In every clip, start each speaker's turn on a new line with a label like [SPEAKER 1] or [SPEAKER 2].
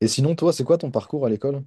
[SPEAKER 1] Et sinon, toi, c'est quoi ton parcours à l'école?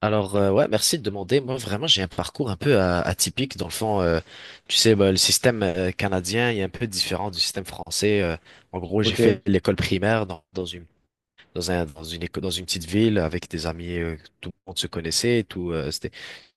[SPEAKER 2] Alors, ouais, merci de demander. Moi, vraiment, j'ai un parcours un peu atypique dans le fond. Tu sais, bah, le système canadien est un peu différent du système français. En gros, j'ai
[SPEAKER 1] Ok.
[SPEAKER 2] fait l'école primaire dans, dans une dans un dans une éco- dans une petite ville avec des amis. Tout le monde se connaissait. Tout c'était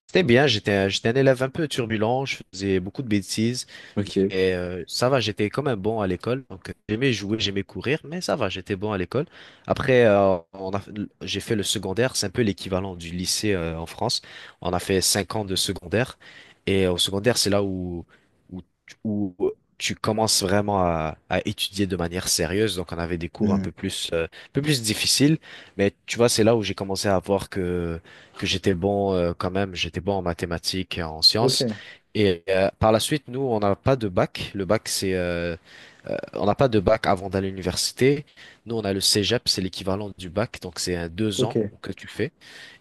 [SPEAKER 2] c'était bien. J'étais un élève un peu turbulent. Je faisais beaucoup de bêtises.
[SPEAKER 1] Ok.
[SPEAKER 2] Et ça va, j'étais quand même bon à l'école. Donc, j'aimais jouer, j'aimais courir, mais ça va, j'étais bon à l'école. Après, j'ai fait le secondaire. C'est un peu l'équivalent du lycée en France. On a fait 5 ans de secondaire. Et au secondaire, c'est là où tu commences vraiment à étudier de manière sérieuse. Donc, on avait des cours
[SPEAKER 1] Hmm.
[SPEAKER 2] un peu plus difficiles. Mais tu vois, c'est là où j'ai commencé à voir que j'étais bon, quand même. J'étais bon en mathématiques et en
[SPEAKER 1] Ok,
[SPEAKER 2] sciences. Et par la suite, nous, on n'a pas de bac. On n'a pas de bac avant d'aller à l'université. Nous, on a le cégep, c'est l'équivalent du bac, donc c'est un deux
[SPEAKER 1] ok,
[SPEAKER 2] ans que tu fais.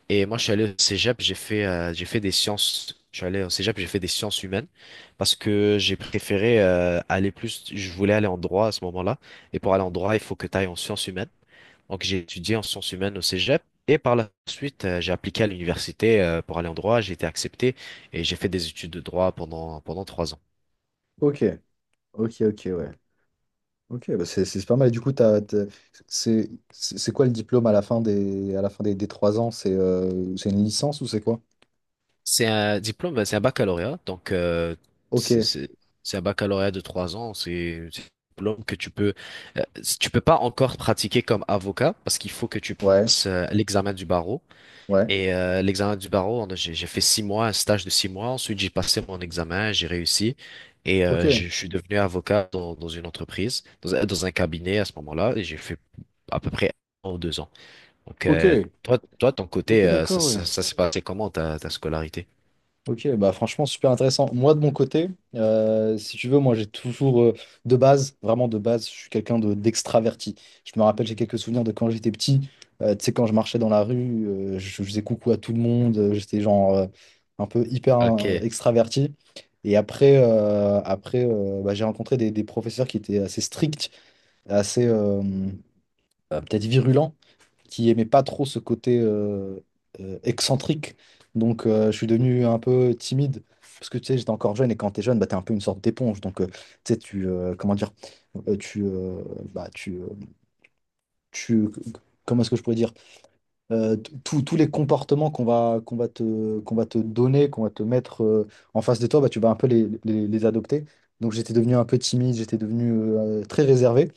[SPEAKER 2] Et moi, je suis allé au cégep, j'ai fait des sciences. Je suis allé au cégep, j'ai fait des sciences humaines parce que j'ai préféré aller plus. Je voulais aller en droit à ce moment-là. Et pour aller en droit, il faut que tu ailles en sciences humaines. Donc, j'ai étudié en sciences humaines au Cégep et par la suite, j'ai appliqué à l'université pour aller en droit. J'ai été accepté et j'ai fait des études de droit pendant 3 ans.
[SPEAKER 1] ok, ok, ok, ouais. Ok, bah c'est pas mal. Et du coup, c'est quoi le diplôme à la fin des trois ans? C'est une licence ou c'est quoi?
[SPEAKER 2] C'est un diplôme, c'est un baccalauréat, donc
[SPEAKER 1] Ok,
[SPEAKER 2] c'est c'est- c'est un baccalauréat de 3 ans. C'est un diplôme que euh, tu peux pas encore pratiquer comme avocat parce qu'il faut que tu
[SPEAKER 1] ouais,
[SPEAKER 2] passes l'examen du barreau.
[SPEAKER 1] ouais,
[SPEAKER 2] Et l'examen du barreau, j'ai fait 6 mois, un stage de 6 mois. Ensuite, j'ai passé mon examen, j'ai réussi. Et je,
[SPEAKER 1] ok,
[SPEAKER 2] je suis devenu avocat dans une entreprise, dans un cabinet à ce moment-là. Et j'ai fait à peu près 1 ou 2 ans. Donc,
[SPEAKER 1] ok,
[SPEAKER 2] toi, ton
[SPEAKER 1] ok,
[SPEAKER 2] côté, ça,
[SPEAKER 1] d'accord,
[SPEAKER 2] ça,
[SPEAKER 1] ouais.
[SPEAKER 2] ça s'est passé comment ta scolarité?
[SPEAKER 1] Ok, bah franchement, super intéressant. Moi, de mon côté, si tu veux, moi, de base, vraiment de base, je suis quelqu'un d'extraverti. Je me rappelle, j'ai quelques souvenirs de quand j'étais petit. Tu sais, quand je marchais dans la rue, je faisais coucou à tout le monde. J'étais genre un peu hyper
[SPEAKER 2] Ok,
[SPEAKER 1] extraverti. Et après, bah, j'ai rencontré des professeurs qui étaient assez stricts, assez peut-être virulents qui aimait pas trop ce côté excentrique. Donc, je suis devenu un peu timide. Parce que tu sais, j'étais encore jeune et quand t'es jeune, bah, t'es un peu une sorte d'éponge. Donc, tu sais, tu. Comment dire? Tu. Bah, tu. Tu comment est-ce que je pourrais dire? Tous les comportements qu'on va te donner, qu'on va te mettre en face de toi, bah, tu vas un peu les adopter. Donc j'étais devenu un peu timide, j'étais devenu très réservé.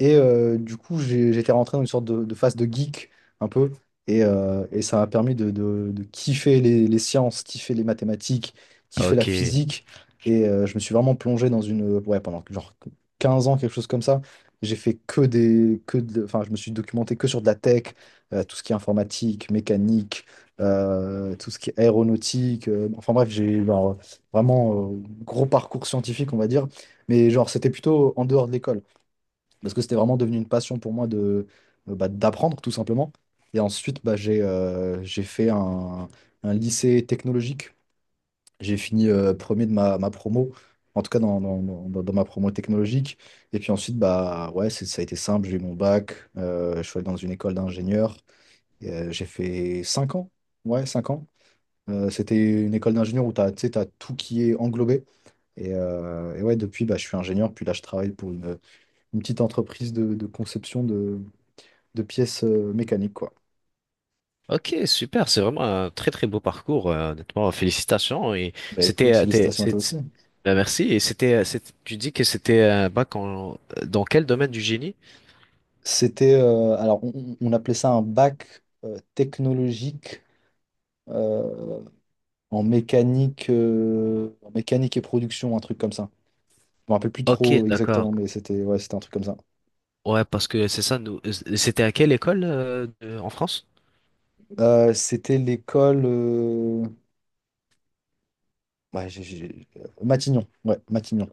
[SPEAKER 1] Et du coup, j'étais rentré dans une sorte de phase de geek, un peu. Et ça m'a permis de kiffer les sciences, kiffer les mathématiques, kiffer la
[SPEAKER 2] ok,
[SPEAKER 1] physique. Et je me suis vraiment plongé dans une... Ouais, pendant genre 15 ans, quelque chose comme ça. J'ai fait que des... enfin, je me suis documenté que sur de la tech, tout ce qui est informatique, mécanique, tout ce qui est aéronautique. Enfin bref, j'ai genre, vraiment gros parcours scientifique, on va dire. Mais genre, c'était plutôt en dehors de l'école, parce que c'était vraiment devenu une passion pour moi de bah, d'apprendre, tout simplement. Et ensuite, bah, j'ai fait un lycée technologique. J'ai fini premier de ma promo, en tout cas dans ma promo technologique. Et puis ensuite, bah, ouais, ça a été simple, j'ai eu mon bac, je suis allé dans une école d'ingénieur. Et, j'ai fait 5 ans. Ouais, 5 ans. C'était une école d'ingénieur où tu sais, t'as tout qui est englobé. Et ouais, depuis, bah, je suis ingénieur. Puis là, je travaille pour une petite entreprise de conception de pièces mécaniques, quoi.
[SPEAKER 2] ok, super. C'est vraiment un très très beau parcours, honnêtement. Félicitations.
[SPEAKER 1] Bah
[SPEAKER 2] C'était,
[SPEAKER 1] écoute,
[SPEAKER 2] euh, t'es-
[SPEAKER 1] félicitations à toi
[SPEAKER 2] c'est-
[SPEAKER 1] aussi.
[SPEAKER 2] c'est- ben, merci. Et tu dis que c'était un bac dans quel domaine du génie?
[SPEAKER 1] C'était, alors, on appelait ça un bac technologique euh, en mécanique et production, un truc comme ça. Je me rappelle plus
[SPEAKER 2] Ok,
[SPEAKER 1] trop exactement,
[SPEAKER 2] d'accord.
[SPEAKER 1] mais c'était ouais, c'était un truc comme ça.
[SPEAKER 2] Ouais, parce que c'est ça, nous. C'était à quelle école en France?
[SPEAKER 1] C'était l'école. Ouais, Matignon, ouais, Matignon.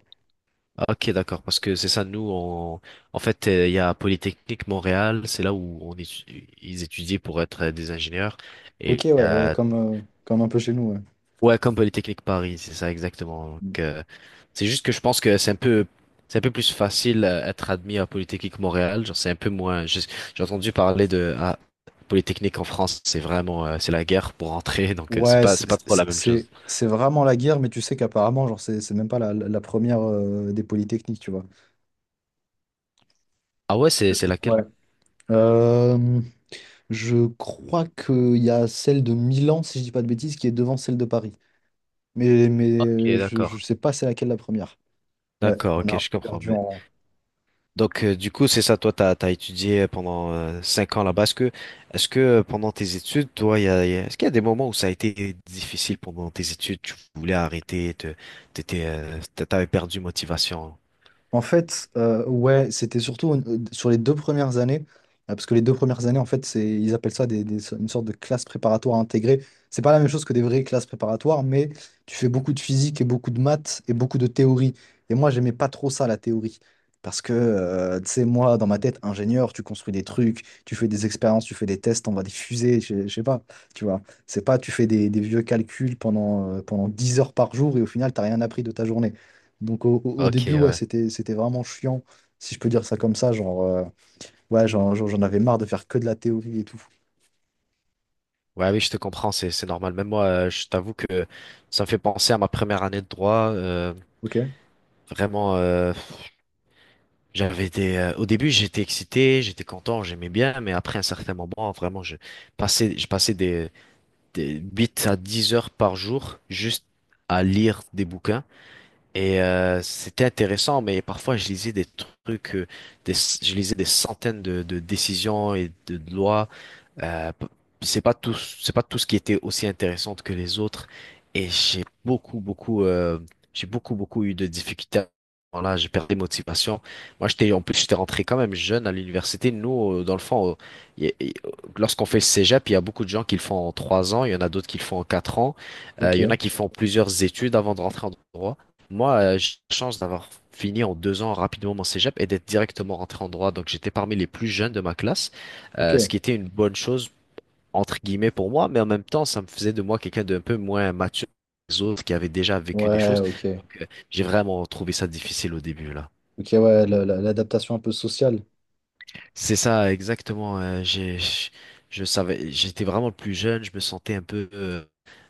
[SPEAKER 2] Ah, ok, d'accord. Parce que c'est ça, nous, en fait, il y a Polytechnique Montréal, c'est là où ils étudient pour être des ingénieurs.
[SPEAKER 1] Ok,
[SPEAKER 2] Et
[SPEAKER 1] ouais, ouais, comme, comme un peu chez nous, ouais.
[SPEAKER 2] ouais, comme Polytechnique Paris, c'est ça exactement.
[SPEAKER 1] Mm.
[SPEAKER 2] Donc, c'est juste que je pense que c'est un peu plus facile être admis à Polytechnique Montréal. Genre, c'est un peu moins. J'ai entendu parler de Polytechnique en France, c'est vraiment, c'est la guerre pour entrer, donc c'est
[SPEAKER 1] Ouais,
[SPEAKER 2] pas, c'est pas trop la même chose.
[SPEAKER 1] c'est vraiment la guerre, mais tu sais qu'apparemment, genre, c'est même pas la première des polytechniques, tu vois.
[SPEAKER 2] Ah, ouais, c'est laquelle?
[SPEAKER 1] Ouais. Euh, je crois qu'il y a celle de Milan, si je dis pas de bêtises, qui est devant celle de Paris. Mais, mais
[SPEAKER 2] Ok,
[SPEAKER 1] euh, je, je
[SPEAKER 2] d'accord.
[SPEAKER 1] sais pas c'est laquelle la première. Ouais,
[SPEAKER 2] D'accord,
[SPEAKER 1] on a
[SPEAKER 2] ok,
[SPEAKER 1] un
[SPEAKER 2] je
[SPEAKER 1] peu
[SPEAKER 2] comprends.
[SPEAKER 1] perdu
[SPEAKER 2] Mais.
[SPEAKER 1] en,
[SPEAKER 2] Donc, du coup, c'est ça, toi, t'as étudié pendant 5 ans là-bas. Est-ce que Pendant tes études, toi, est-ce qu'il y a des moments où ça a été difficile pendant tes études, tu voulais arrêter, t'avais perdu motivation?
[SPEAKER 1] En fait, ouais, c'était surtout sur les 2 premières années, parce que les 2 premières années, en fait, c'est, ils appellent ça une sorte de classe préparatoire intégrée. C'est pas la même chose que des vraies classes préparatoires, mais tu fais beaucoup de physique et beaucoup de maths et beaucoup de théorie. Et moi, j'aimais pas trop ça, la théorie. Parce que, tu sais, moi, dans ma tête, ingénieur, tu construis des trucs, tu fais des expériences, tu fais des tests, on va des fusées, je sais pas, tu vois. C'est pas, tu fais des vieux calculs pendant, pendant 10 heures par jour et au final, t'as rien appris de ta journée. Donc au
[SPEAKER 2] Ok,
[SPEAKER 1] début, ouais,
[SPEAKER 2] ouais.
[SPEAKER 1] c'était vraiment chiant, si je peux dire ça comme ça, genre, ouais, j'en avais marre de faire que de la théorie et tout.
[SPEAKER 2] Ouais, oui, je te comprends, c'est normal. Même moi, je t'avoue que ça me fait penser à ma première année de droit.
[SPEAKER 1] Ok,
[SPEAKER 2] Vraiment, j'avais des. Au début, j'étais excité, j'étais content, j'aimais bien, mais après un certain moment, vraiment, je passais des 8 à 10 heures par jour juste à lire des bouquins. Et c'était intéressant, mais parfois trucs, euh, je lisais des centaines de décisions et de lois. Euh, p- c'est pas tout ce qui était aussi intéressante que les autres. Et j'ai beaucoup, beaucoup eu de difficultés. Là, j'ai perdu motivation. En plus, j'étais rentré quand même jeune à l'université. Nous, dans le fond, y a- y- lorsqu'on fait le cégep, il y a beaucoup de gens qui le font en 3 ans. Il y en a d'autres qui le font en 4 ans.
[SPEAKER 1] ok,
[SPEAKER 2] Il y en a qui font plusieurs études avant de rentrer en droit. Moi, j'ai la chance d'avoir fini en 2 ans rapidement mon cégep et d'être directement rentré en droit. Donc, j'étais parmi les plus jeunes de ma classe, ce
[SPEAKER 1] ok.
[SPEAKER 2] qui était une bonne chose entre guillemets pour moi, mais en même temps, ça me faisait de moi quelqu'un d'un peu moins mature que les autres qui avait déjà vécu des
[SPEAKER 1] Ouais,
[SPEAKER 2] choses.
[SPEAKER 1] ok.
[SPEAKER 2] Donc, j'ai vraiment trouvé ça difficile au début, là.
[SPEAKER 1] Ok, ouais, l'adaptation un peu sociale.
[SPEAKER 2] C'est ça, exactement. Je savais, j'étais vraiment le plus jeune, je me sentais un peu, euh,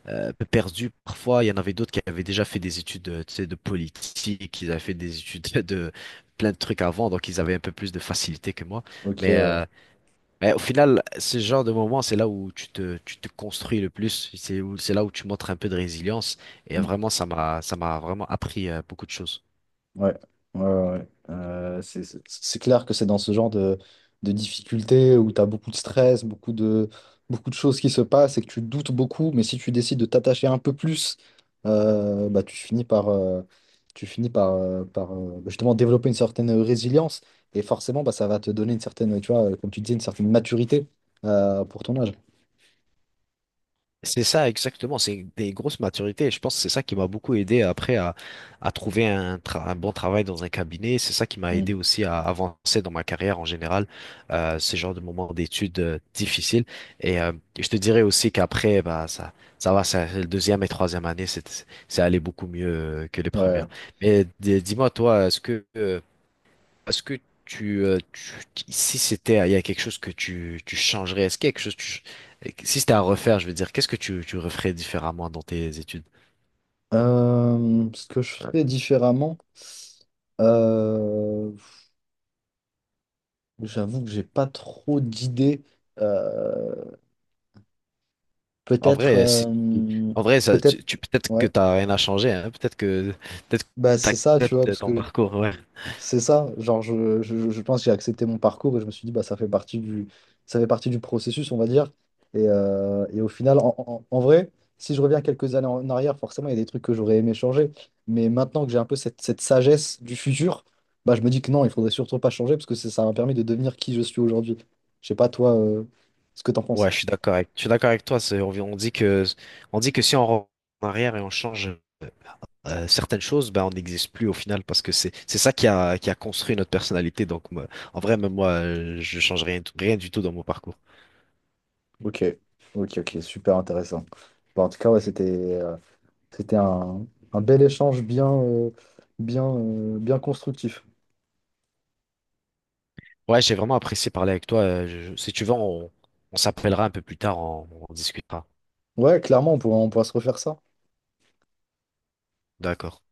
[SPEAKER 2] euh, un peu perdu. Parfois, il y en avait d'autres qui avaient déjà fait des études, tu sais, de politique, ils avaient fait des études de plein de trucs avant, donc ils avaient un peu plus de facilité que moi.
[SPEAKER 1] Ok,
[SPEAKER 2] Mais
[SPEAKER 1] ouais.
[SPEAKER 2] euh, Mais au final, ce genre de moment, c'est là où tu te construis le plus, c'est là où tu montres un peu de résilience. Et vraiment, ça m'a vraiment appris beaucoup de choses.
[SPEAKER 1] Ouais, ouais, ouais, ouais. C'est clair que c'est dans ce genre de difficultés où tu as beaucoup de stress, beaucoup de choses qui se passent et que tu doutes beaucoup, mais si tu décides de t'attacher un peu plus, bah, tu finis par justement développer une certaine résilience et forcément, bah, ça va te donner une certaine, tu vois, comme tu disais, une certaine maturité pour ton âge.
[SPEAKER 2] C'est ça, exactement. C'est des grosses maturités. Et je pense que c'est ça qui m'a beaucoup aidé après à trouver un bon travail dans un cabinet. C'est ça qui m'a aidé
[SPEAKER 1] Mm.
[SPEAKER 2] aussi à avancer dans ma carrière en général, ce genre de moments d'études difficiles. Et je te dirais aussi qu'après, bah, le deuxième et troisième année, c'est allé beaucoup mieux que les
[SPEAKER 1] Ouais.
[SPEAKER 2] premières. Mais dis-moi, toi, est-ce que si c'était, il y a quelque chose que tu changerais, est-ce qu'il y a quelque chose que si c'était à refaire, je veux dire, qu'est-ce que tu referais différemment dans tes études?
[SPEAKER 1] Ce que je ferais différemment. Euh, J'avoue que j'ai pas trop d'idées. Euh,
[SPEAKER 2] En
[SPEAKER 1] Peut-être,
[SPEAKER 2] vrai, en vrai,
[SPEAKER 1] peut-être,
[SPEAKER 2] peut-être que
[SPEAKER 1] ouais.
[SPEAKER 2] t'as rien à changer, hein, peut-être
[SPEAKER 1] Bah,
[SPEAKER 2] que
[SPEAKER 1] c'est ça, tu vois,
[SPEAKER 2] t'acceptes
[SPEAKER 1] parce
[SPEAKER 2] ton
[SPEAKER 1] que
[SPEAKER 2] parcours, ouais.
[SPEAKER 1] c'est ça. Genre, je pense que j'ai accepté mon parcours et je me suis dit, bah, ça fait partie du, ça fait partie du processus, on va dire. Et au final, en vrai, si je reviens quelques années en arrière, forcément, il y a des trucs que j'aurais aimé changer. Mais maintenant que j'ai un peu cette, cette sagesse du futur, bah, je me dis que non, il faudrait surtout pas changer parce que ça m'a permis de devenir qui je suis aujourd'hui. Je sais pas, toi, ce que t'en penses.
[SPEAKER 2] Ouais, je suis d'accord avec toi. On dit que si on rentre en arrière et on change, certaines choses, ben, on n'existe plus au final parce que c'est ça qui a construit notre personnalité. Donc, en vrai, même moi, je change rien, rien du tout dans mon parcours.
[SPEAKER 1] Ok, ok, ok, super intéressant. Bon, en tout cas, ouais, c'était euh, c'était un bel échange bien, bien, bien constructif.
[SPEAKER 2] Ouais, j'ai vraiment apprécié parler avec toi. Si tu veux, on s'appellera un peu plus tard, on discutera.
[SPEAKER 1] Ouais, clairement, on pourra se refaire ça, hein.
[SPEAKER 2] D'accord.